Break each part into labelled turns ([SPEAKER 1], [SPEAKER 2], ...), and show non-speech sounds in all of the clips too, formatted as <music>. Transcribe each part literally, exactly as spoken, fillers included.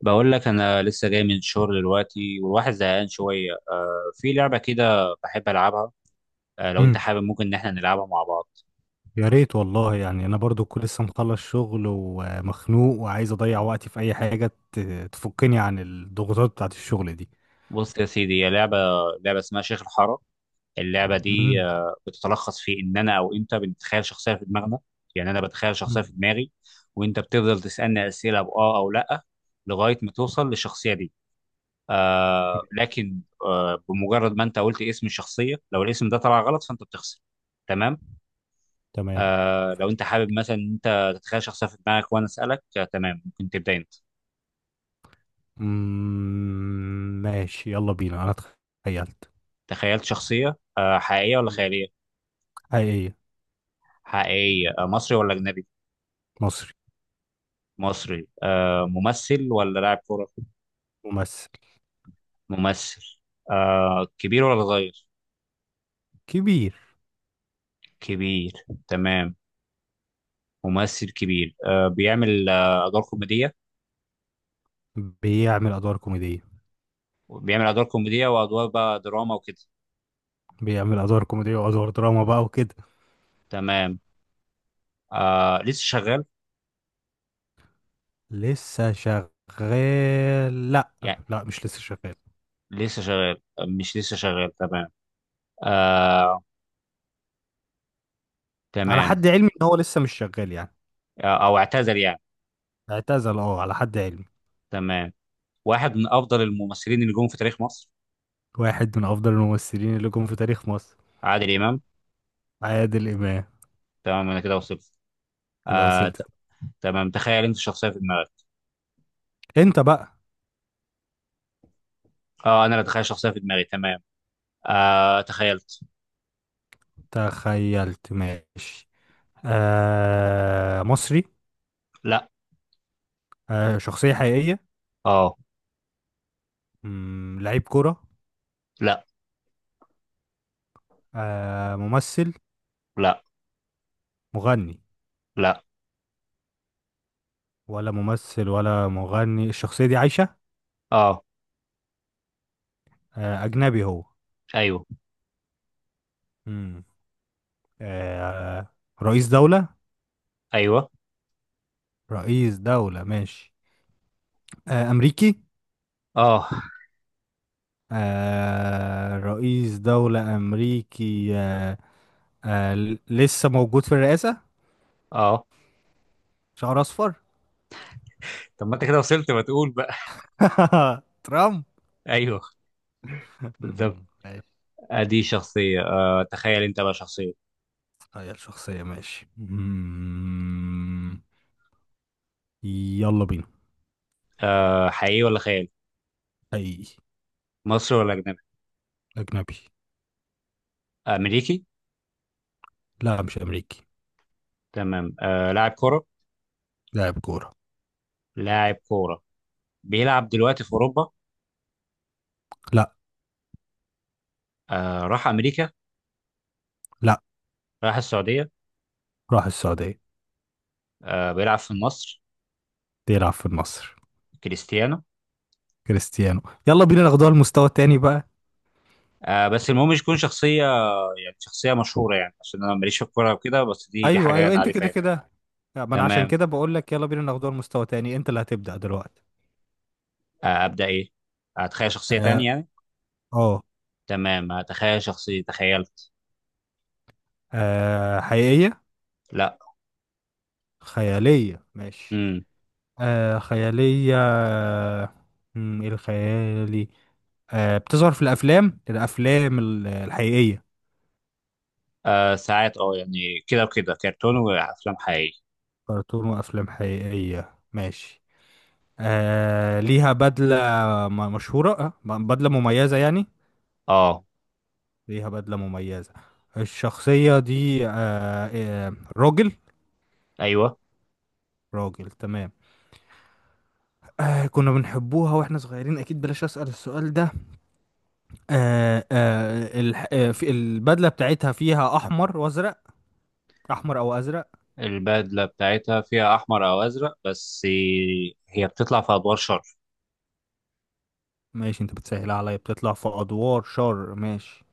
[SPEAKER 1] بقول لك انا لسه جاي من الشغل دلوقتي والواحد زهقان شويه، آه في لعبه كده بحب العبها. آه لو انت
[SPEAKER 2] امم
[SPEAKER 1] حابب ممكن ان احنا نلعبها مع بعض.
[SPEAKER 2] يا ريت والله، يعني انا برضو كنت لسه مخلص شغل ومخنوق وعايز اضيع وقتي في اي حاجه ت- تفكني عن الضغوطات بتاعت الشغل دي.
[SPEAKER 1] بص يا سيدي، هي لعبه لعبه اسمها شيخ الحاره. اللعبه دي
[SPEAKER 2] امم
[SPEAKER 1] آه بتتلخص في ان انا او انت بنتخيل شخصيه في دماغنا. يعني انا بتخيل شخصيه في
[SPEAKER 2] امم
[SPEAKER 1] دماغي، وانت بتفضل تسالني اسئله باه او لا لغايه ما توصل للشخصيه دي. آه
[SPEAKER 2] ماشي.
[SPEAKER 1] لكن آه بمجرد ما انت قلت اسم الشخصيه، لو الاسم ده طلع غلط فانت بتخسر. تمام.
[SPEAKER 2] تمام.
[SPEAKER 1] آه لو انت حابب مثلا إن انت تتخيل شخصيه في دماغك وانا اسالك، آه تمام، ممكن تبدا انت.
[SPEAKER 2] امم ماشي، يلا بينا، انا تخيلت.
[SPEAKER 1] تخيلت شخصيه، آه حقيقيه ولا
[SPEAKER 2] مم.
[SPEAKER 1] خياليه؟
[SPEAKER 2] حقيقيه.
[SPEAKER 1] حقيقيه، آه مصري ولا اجنبي؟
[SPEAKER 2] مصري.
[SPEAKER 1] مصري، آه ممثل ولا لاعب كوره؟
[SPEAKER 2] ممثل
[SPEAKER 1] ممثل. آه كبير ولا صغير؟
[SPEAKER 2] كبير.
[SPEAKER 1] كبير. تمام. ممثل كبير، آه بيعمل آه ادوار كوميديه.
[SPEAKER 2] بيعمل ادوار كوميديه.
[SPEAKER 1] بيعمل ادوار كوميديه وادوار بقى دراما وكده.
[SPEAKER 2] بيعمل ادوار كوميديه وادوار دراما بقى وكده.
[SPEAKER 1] تمام. آه لسه شغال؟
[SPEAKER 2] لسه شغال، لا.
[SPEAKER 1] يعني
[SPEAKER 2] لا، مش لسه شغال.
[SPEAKER 1] لسه شغال، آه، مش لسه شغال؟ تمام. آه.
[SPEAKER 2] على
[SPEAKER 1] تمام.
[SPEAKER 2] حد علمي ان هو لسه مش شغال يعني.
[SPEAKER 1] آه، او اعتذر يعني.
[SPEAKER 2] اعتزل، اه، على حد علمي.
[SPEAKER 1] تمام. واحد من افضل الممثلين اللي جم في تاريخ مصر.
[SPEAKER 2] واحد من افضل الممثلين اللي جم في تاريخ مصر.
[SPEAKER 1] عادل امام.
[SPEAKER 2] عادل امام.
[SPEAKER 1] تمام، انا كده وصلت.
[SPEAKER 2] كده
[SPEAKER 1] آه
[SPEAKER 2] وصلت.
[SPEAKER 1] ت... تمام، تخيل انت شخصيه في دماغك.
[SPEAKER 2] انت بقى.
[SPEAKER 1] اه، انا اللي اتخيل شخصيه في دماغي. تمام. آه تخيلت.
[SPEAKER 2] تخيلت ماشي. آه مصري.
[SPEAKER 1] لا.
[SPEAKER 2] آه شخصية حقيقية.
[SPEAKER 1] اه.
[SPEAKER 2] مم، لعيب كرة.
[SPEAKER 1] لا،
[SPEAKER 2] آه ممثل.
[SPEAKER 1] لا،
[SPEAKER 2] مغني.
[SPEAKER 1] لا.
[SPEAKER 2] ولا ممثل ولا مغني، الشخصية دي عايشة.
[SPEAKER 1] اه.
[SPEAKER 2] آه أجنبي هو.
[SPEAKER 1] ايوه.
[SPEAKER 2] مم. آه رئيس دولة.
[SPEAKER 1] ايوه.
[SPEAKER 2] رئيس دولة ماشي. آه أمريكي.
[SPEAKER 1] اه.
[SPEAKER 2] آه رئيس دولة أمريكي. آه آه ل- لسه موجود في الرئاسة.
[SPEAKER 1] اه.
[SPEAKER 2] شعر أصفر.
[SPEAKER 1] طب ما انت كده وصلت، ما تقول بقى.
[SPEAKER 2] <laughs> ترامب.
[SPEAKER 1] <laughs> ايوه. بالظبط.
[SPEAKER 2] مم، ماشي.
[SPEAKER 1] ادي شخصيه. آه تخيل انت بقى شخصيه.
[SPEAKER 2] تغير شخصية ماشي. مم، يلا بينا.
[SPEAKER 1] آه حقيقي ولا خيال؟
[SPEAKER 2] أي.
[SPEAKER 1] مصري ولا اجنبي؟
[SPEAKER 2] أجنبي.
[SPEAKER 1] امريكي؟
[SPEAKER 2] لا، مش أمريكي.
[SPEAKER 1] تمام. آه لاعب كره.
[SPEAKER 2] لاعب كورة.
[SPEAKER 1] لاعب كوره. بيلعب دلوقتي في اوروبا؟
[SPEAKER 2] لا،
[SPEAKER 1] آه راح امريكا؟
[SPEAKER 2] لا،
[SPEAKER 1] راح السعوديه.
[SPEAKER 2] راح السعودية.
[SPEAKER 1] آه بيلعب في النصر.
[SPEAKER 2] بيلعب في النصر.
[SPEAKER 1] كريستيانو.
[SPEAKER 2] كريستيانو. يلا بينا ناخدوها المستوى التاني بقى.
[SPEAKER 1] آه بس المهم مش يكون شخصيه، يعني شخصيه مشهوره يعني، عشان انا ماليش في الكوره وكده، بس دي دي
[SPEAKER 2] أيوه،
[SPEAKER 1] حاجه
[SPEAKER 2] أيوه،
[SPEAKER 1] انا
[SPEAKER 2] أنت
[SPEAKER 1] عارفها
[SPEAKER 2] كده
[SPEAKER 1] يعني.
[SPEAKER 2] كده. لا، ما أنا عشان
[SPEAKER 1] تمام.
[SPEAKER 2] كده بقول لك يلا بينا ناخدوها المستوى التاني، أنت اللي هتبدأ دلوقتي.
[SPEAKER 1] آه ابدا ايه؟ اتخيل شخصيه
[SPEAKER 2] اه.
[SPEAKER 1] تانية يعني.
[SPEAKER 2] آه،
[SPEAKER 1] تمام، اتخيل شخصيه. تخيلت.
[SPEAKER 2] آه حقيقية.
[SPEAKER 1] لا.
[SPEAKER 2] خيالية ماشي.
[SPEAKER 1] امم
[SPEAKER 2] آه خيالية. آه، مم، إيه الخيالي. آه بتظهر في الأفلام، الأفلام ال- الحقيقية.
[SPEAKER 1] آه ساعات، اه يعني كده وكده، كرتون وافلام حقيقيه.
[SPEAKER 2] كرتون وأفلام حقيقية ماشي. آه ليها بدلة. م- مشهورة، آه ب- بدلة مميزة يعني.
[SPEAKER 1] اه.
[SPEAKER 2] ليها بدلة مميزة. الشخصية دي آه آه راجل.
[SPEAKER 1] ايوه.
[SPEAKER 2] راجل تمام. آه كنا بنحبوها واحنا صغيرين، أكيد بلاش أسأل السؤال ده. آه آه الح... آه في البدله بتاعتها فيها احمر وازرق. احمر او ازرق.
[SPEAKER 1] البدله بتاعتها فيها احمر او ازرق بس. هي بتطلع في ادوار شر.
[SPEAKER 2] ماشي، انت بتسهل عليا، بتطلع في ادوار شر ماشي.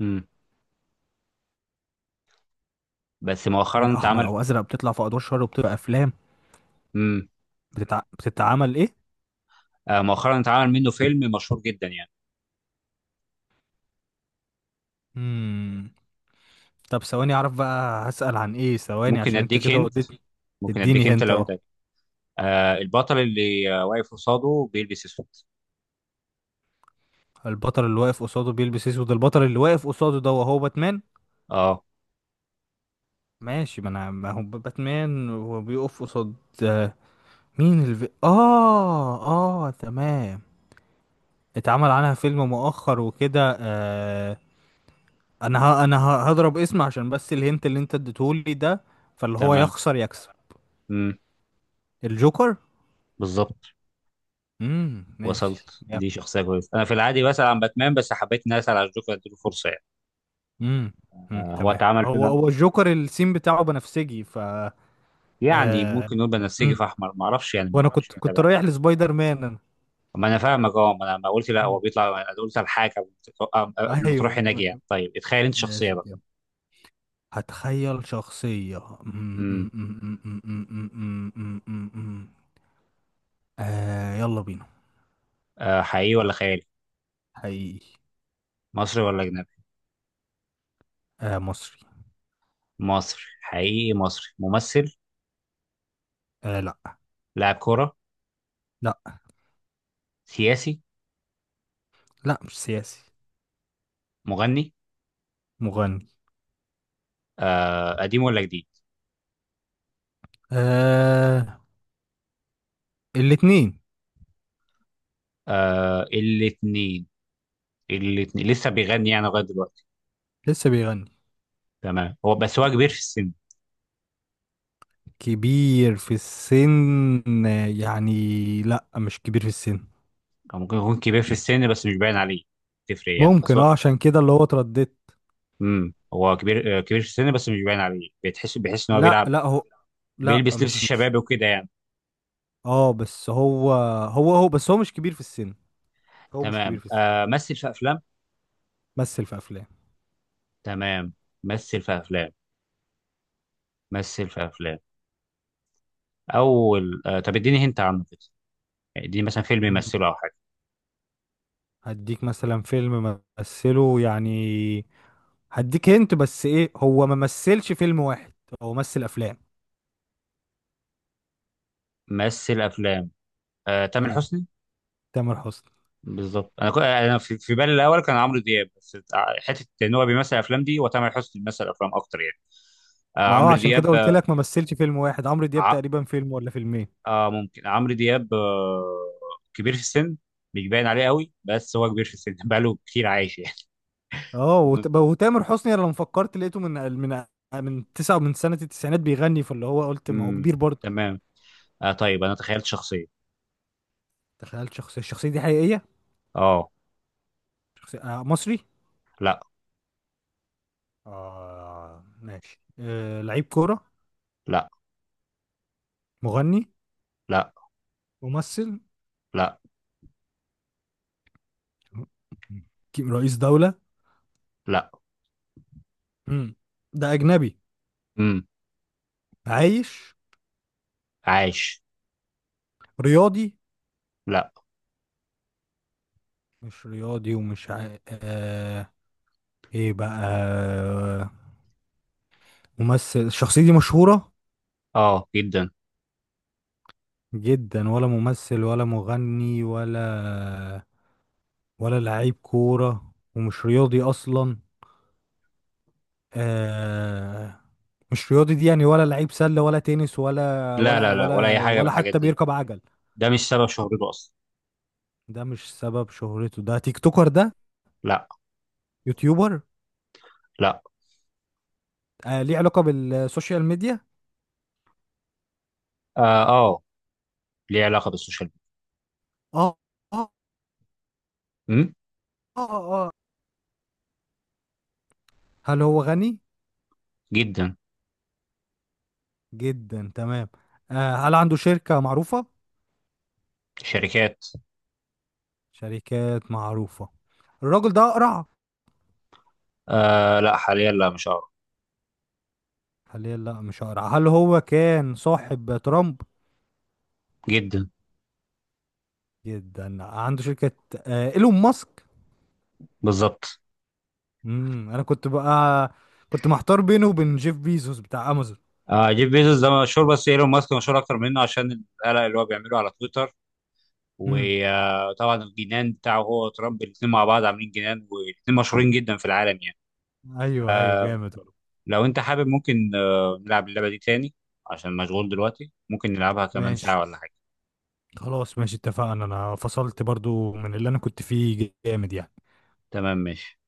[SPEAKER 1] امم بس
[SPEAKER 2] مم،
[SPEAKER 1] مؤخرا
[SPEAKER 2] احمر
[SPEAKER 1] اتعمل.
[SPEAKER 2] او ازرق، بتطلع في ادوار شر وبتبقى افلام.
[SPEAKER 1] مم.
[SPEAKER 2] بتتع... بتتعمل ايه.
[SPEAKER 1] آه، مؤخرا اتعمل منه فيلم مشهور جدا يعني.
[SPEAKER 2] مم. طب ثواني اعرف بقى هسأل عن ايه، ثواني
[SPEAKER 1] ممكن
[SPEAKER 2] عشان انت
[SPEAKER 1] اديك
[SPEAKER 2] كده
[SPEAKER 1] هنت.
[SPEAKER 2] وديتني.
[SPEAKER 1] ممكن
[SPEAKER 2] اديني
[SPEAKER 1] اديك هنت
[SPEAKER 2] هنت،
[SPEAKER 1] لو
[SPEAKER 2] اه
[SPEAKER 1] انت. آه البطل اللي آه، واقف قصاده بيلبس اسود.
[SPEAKER 2] البطل اللي واقف قصاده بيلبس اسود. البطل اللي واقف قصاده ده وهو باتمان.
[SPEAKER 1] اه.
[SPEAKER 2] ماشي، ما انا ما هو باتمان وبيقف قصاد. آه، مين الف... اه اه تمام. اتعمل عنها فيلم مؤخر وكده. آه انا ه... انا ه... هضرب اسم عشان بس الهنت اللي انت اديتهولي ده، فاللي هو
[SPEAKER 1] تمام.
[SPEAKER 2] يخسر يكسب.
[SPEAKER 1] امم.
[SPEAKER 2] الجوكر.
[SPEAKER 1] بالظبط،
[SPEAKER 2] امم ماشي
[SPEAKER 1] وصلت.
[SPEAKER 2] يب.
[SPEAKER 1] دي شخصيه كويسه، انا في العادي بسال عن باتمان بس حبيت اني اسال على الجوكر، اديله فرصه يعني.
[SPEAKER 2] امم أمم،
[SPEAKER 1] آه هو
[SPEAKER 2] تمام
[SPEAKER 1] اتعمل
[SPEAKER 2] هو
[SPEAKER 1] فيلم،
[SPEAKER 2] هو الجوكر، السين بتاعه بنفسجي ف
[SPEAKER 1] يعني
[SPEAKER 2] آه...
[SPEAKER 1] ممكن نقول بنفسجي
[SPEAKER 2] أمم،
[SPEAKER 1] في احمر، ما اعرفش يعني،
[SPEAKER 2] وانا
[SPEAKER 1] ما- مش
[SPEAKER 2] كنت كنت
[SPEAKER 1] متابع.
[SPEAKER 2] رايح لسبايدر مان انا.
[SPEAKER 1] ما انا فاهمك. اه ما انا ما قلت لا هو
[SPEAKER 2] أمم،
[SPEAKER 1] بيطلع، انا قلت الحاجه قبل ما تروح، قبل ما تروح
[SPEAKER 2] ايوه.
[SPEAKER 1] هناك يعني. طيب اتخيل انت شخصيه
[SPEAKER 2] ماشي
[SPEAKER 1] بقى.
[SPEAKER 2] كده. هتخيل شخصية. أمم، أمم،
[SPEAKER 1] امم
[SPEAKER 2] أمم، أمم، أمم، أمم، أمم، أمم، أمم. آه يلا بينا.
[SPEAKER 1] آه حقيقي ولا خيالي؟
[SPEAKER 2] حقيقي.
[SPEAKER 1] مصري ولا اجنبي؟
[SPEAKER 2] آه مصري.
[SPEAKER 1] مصري حقيقي، مصري ممثل؟
[SPEAKER 2] آه لا.
[SPEAKER 1] لاعب كرة؟
[SPEAKER 2] لا،
[SPEAKER 1] سياسي؟
[SPEAKER 2] لا، مش سياسي.
[SPEAKER 1] مغني؟
[SPEAKER 2] مغني.
[SPEAKER 1] آه قديم ولا جديد؟
[SPEAKER 2] آه الاتنين.
[SPEAKER 1] آه الاثنين؟ الاثنين لسه بيغني يعني لغاية دلوقتي؟
[SPEAKER 2] لسه بيغني.
[SPEAKER 1] تمام. هو، بس هو كبير في السن.
[SPEAKER 2] كبير في السن، آه، يعني. لا، مش كبير في السن.
[SPEAKER 1] أو ممكن يكون كبير في السن بس مش باين عليه. تفرق يعني، بس
[SPEAKER 2] ممكن،
[SPEAKER 1] هو،
[SPEAKER 2] اه عشان كده اللي هو اترددت.
[SPEAKER 1] امم هو كبير آه، كبير في السن بس مش باين عليه. بتحس بيحس ان هو
[SPEAKER 2] لا،
[SPEAKER 1] بيلعب،
[SPEAKER 2] لا هو. لا،
[SPEAKER 1] بيلبس لبس
[SPEAKER 2] مش مش.
[SPEAKER 1] الشباب وكده يعني.
[SPEAKER 2] اه، بس هو هو هو بس هو مش كبير في السن. هو مش كبير
[SPEAKER 1] تمام.
[SPEAKER 2] في السن.
[SPEAKER 1] آه مثل في افلام.
[SPEAKER 2] مثل في افلام.
[SPEAKER 1] تمام. مثل في افلام. مثل في افلام. اول آه طب اديني هنت عنه كده، يعني اديني مثلا فيلم
[SPEAKER 2] مم.
[SPEAKER 1] يمثله او حاجة.
[SPEAKER 2] هديك مثلا فيلم مثله يعني. هديك هنت بس ايه، هو ما مثلش فيلم واحد. هو مثل افلام.
[SPEAKER 1] ممثل افلام. آه، تامر
[SPEAKER 2] مم.
[SPEAKER 1] حسني.
[SPEAKER 2] تامر حسني.
[SPEAKER 1] بالظبط. انا كو... انا في في بالي الاول كان عمرو دياب، بس ع- حته ان هو بيمثل افلام دي وتامر حسني بيمثل افلام اكتر يعني. آه،
[SPEAKER 2] ما اه
[SPEAKER 1] عمرو
[SPEAKER 2] عشان
[SPEAKER 1] دياب،
[SPEAKER 2] كده قلت
[SPEAKER 1] آه،
[SPEAKER 2] لك ما مثلش فيلم واحد، عمرو دياب
[SPEAKER 1] ع...
[SPEAKER 2] تقريبا فيلم ولا فيلمين.
[SPEAKER 1] آه ممكن عمرو دياب، آه كبير في السن، مش باين عليه قوي بس هو كبير في السن. <laughs> بقاله كتير عايش يعني.
[SPEAKER 2] اه
[SPEAKER 1] <laughs> المهم.
[SPEAKER 2] وت- وتامر حسني، انا لما فكرت لقيته من من من تسعة من سنة التسعينات بيغني، فاللي هو قلت ما هو
[SPEAKER 1] امم.
[SPEAKER 2] كبير برضه.
[SPEAKER 1] تمام. آه طيب انا تخيلت شخصيه.
[SPEAKER 2] تخيل شخصية، الشخصية دي حقيقية.
[SPEAKER 1] اه.
[SPEAKER 2] شخصية. آه مصري.
[SPEAKER 1] لا،
[SPEAKER 2] اه ماشي. آه لعيب كورة.
[SPEAKER 1] لا،
[SPEAKER 2] مغني.
[SPEAKER 1] لا،
[SPEAKER 2] ممثل.
[SPEAKER 1] لا،
[SPEAKER 2] ك- رئيس دولة.
[SPEAKER 1] لا.
[SPEAKER 2] مم. ده أجنبي.
[SPEAKER 1] امم.
[SPEAKER 2] عايش.
[SPEAKER 1] عايش.
[SPEAKER 2] رياضي.
[SPEAKER 1] لا.
[SPEAKER 2] مش رياضي ومش عا... آه... ايه بقى. ممثل، الشخصية دي مشهورة.
[SPEAKER 1] اه، جدا.
[SPEAKER 2] جدا، ولا ممثل ولا مغني ولا، ولا لعيب كورة ومش رياضي أصلا. آه مش رياضي دي يعني، ولا لعيب سلة ولا تنس ولا
[SPEAKER 1] لا،
[SPEAKER 2] ولا
[SPEAKER 1] لا، لا، ولا اي
[SPEAKER 2] ولا
[SPEAKER 1] حاجه من
[SPEAKER 2] ولا
[SPEAKER 1] الحاجات
[SPEAKER 2] حتى
[SPEAKER 1] دي.
[SPEAKER 2] بيركب عجل.
[SPEAKER 1] ده مش سبب شهرته اصلا.
[SPEAKER 2] ده مش سبب شهرته، ده تيك توكر ده.
[SPEAKER 1] لا.
[SPEAKER 2] يوتيوبر.
[SPEAKER 1] لا.
[SPEAKER 2] آه ليه علاقة بالسوشيال ميديا.
[SPEAKER 1] اه. آه، ليه علاقة بالسوشيال
[SPEAKER 2] اه، اه،
[SPEAKER 1] ميديا. أمم،
[SPEAKER 2] اه، اه. هل هو غني؟
[SPEAKER 1] جدا.
[SPEAKER 2] جدا تمام. آه هل عنده شركة معروفة؟
[SPEAKER 1] شركات.
[SPEAKER 2] شركات معروفة. الراجل ده أقرع.
[SPEAKER 1] آه لا، حاليا لا، مش أعرف.
[SPEAKER 2] حاليا لا، مش هقرا، هل هو كان صاحب ترامب.
[SPEAKER 1] جدا.
[SPEAKER 2] جدا، عنده شركة. آه ايلون ماسك.
[SPEAKER 1] بالظبط.
[SPEAKER 2] امم انا كنت بقى كنت محتار بينه وبين جيف بيزوس بتاع امازون.
[SPEAKER 1] آه جيف بيزوس ده مشهور بس ايلون ماسك مشهور اكتر منه عشان القلق اللي هو بيعمله على تويتر،
[SPEAKER 2] امم
[SPEAKER 1] وطبعا الجنان بتاعه هو وترامب، الاثنين مع بعض عاملين جنان، والاثنين مشهورين جدا في العالم يعني.
[SPEAKER 2] ايوه، ايوه، جامد والله.
[SPEAKER 1] لو انت حابب ممكن آه نلعب اللعبة دي تاني. عشان مشغول دلوقتي ممكن نلعبها كمان
[SPEAKER 2] ماشي.
[SPEAKER 1] ساعة ولا حاجة.
[SPEAKER 2] خلاص ماشي، اتفقنا، انا فصلت برضو من اللي انا كنت فيه جامد يعني.
[SPEAKER 1] تمام ماشي.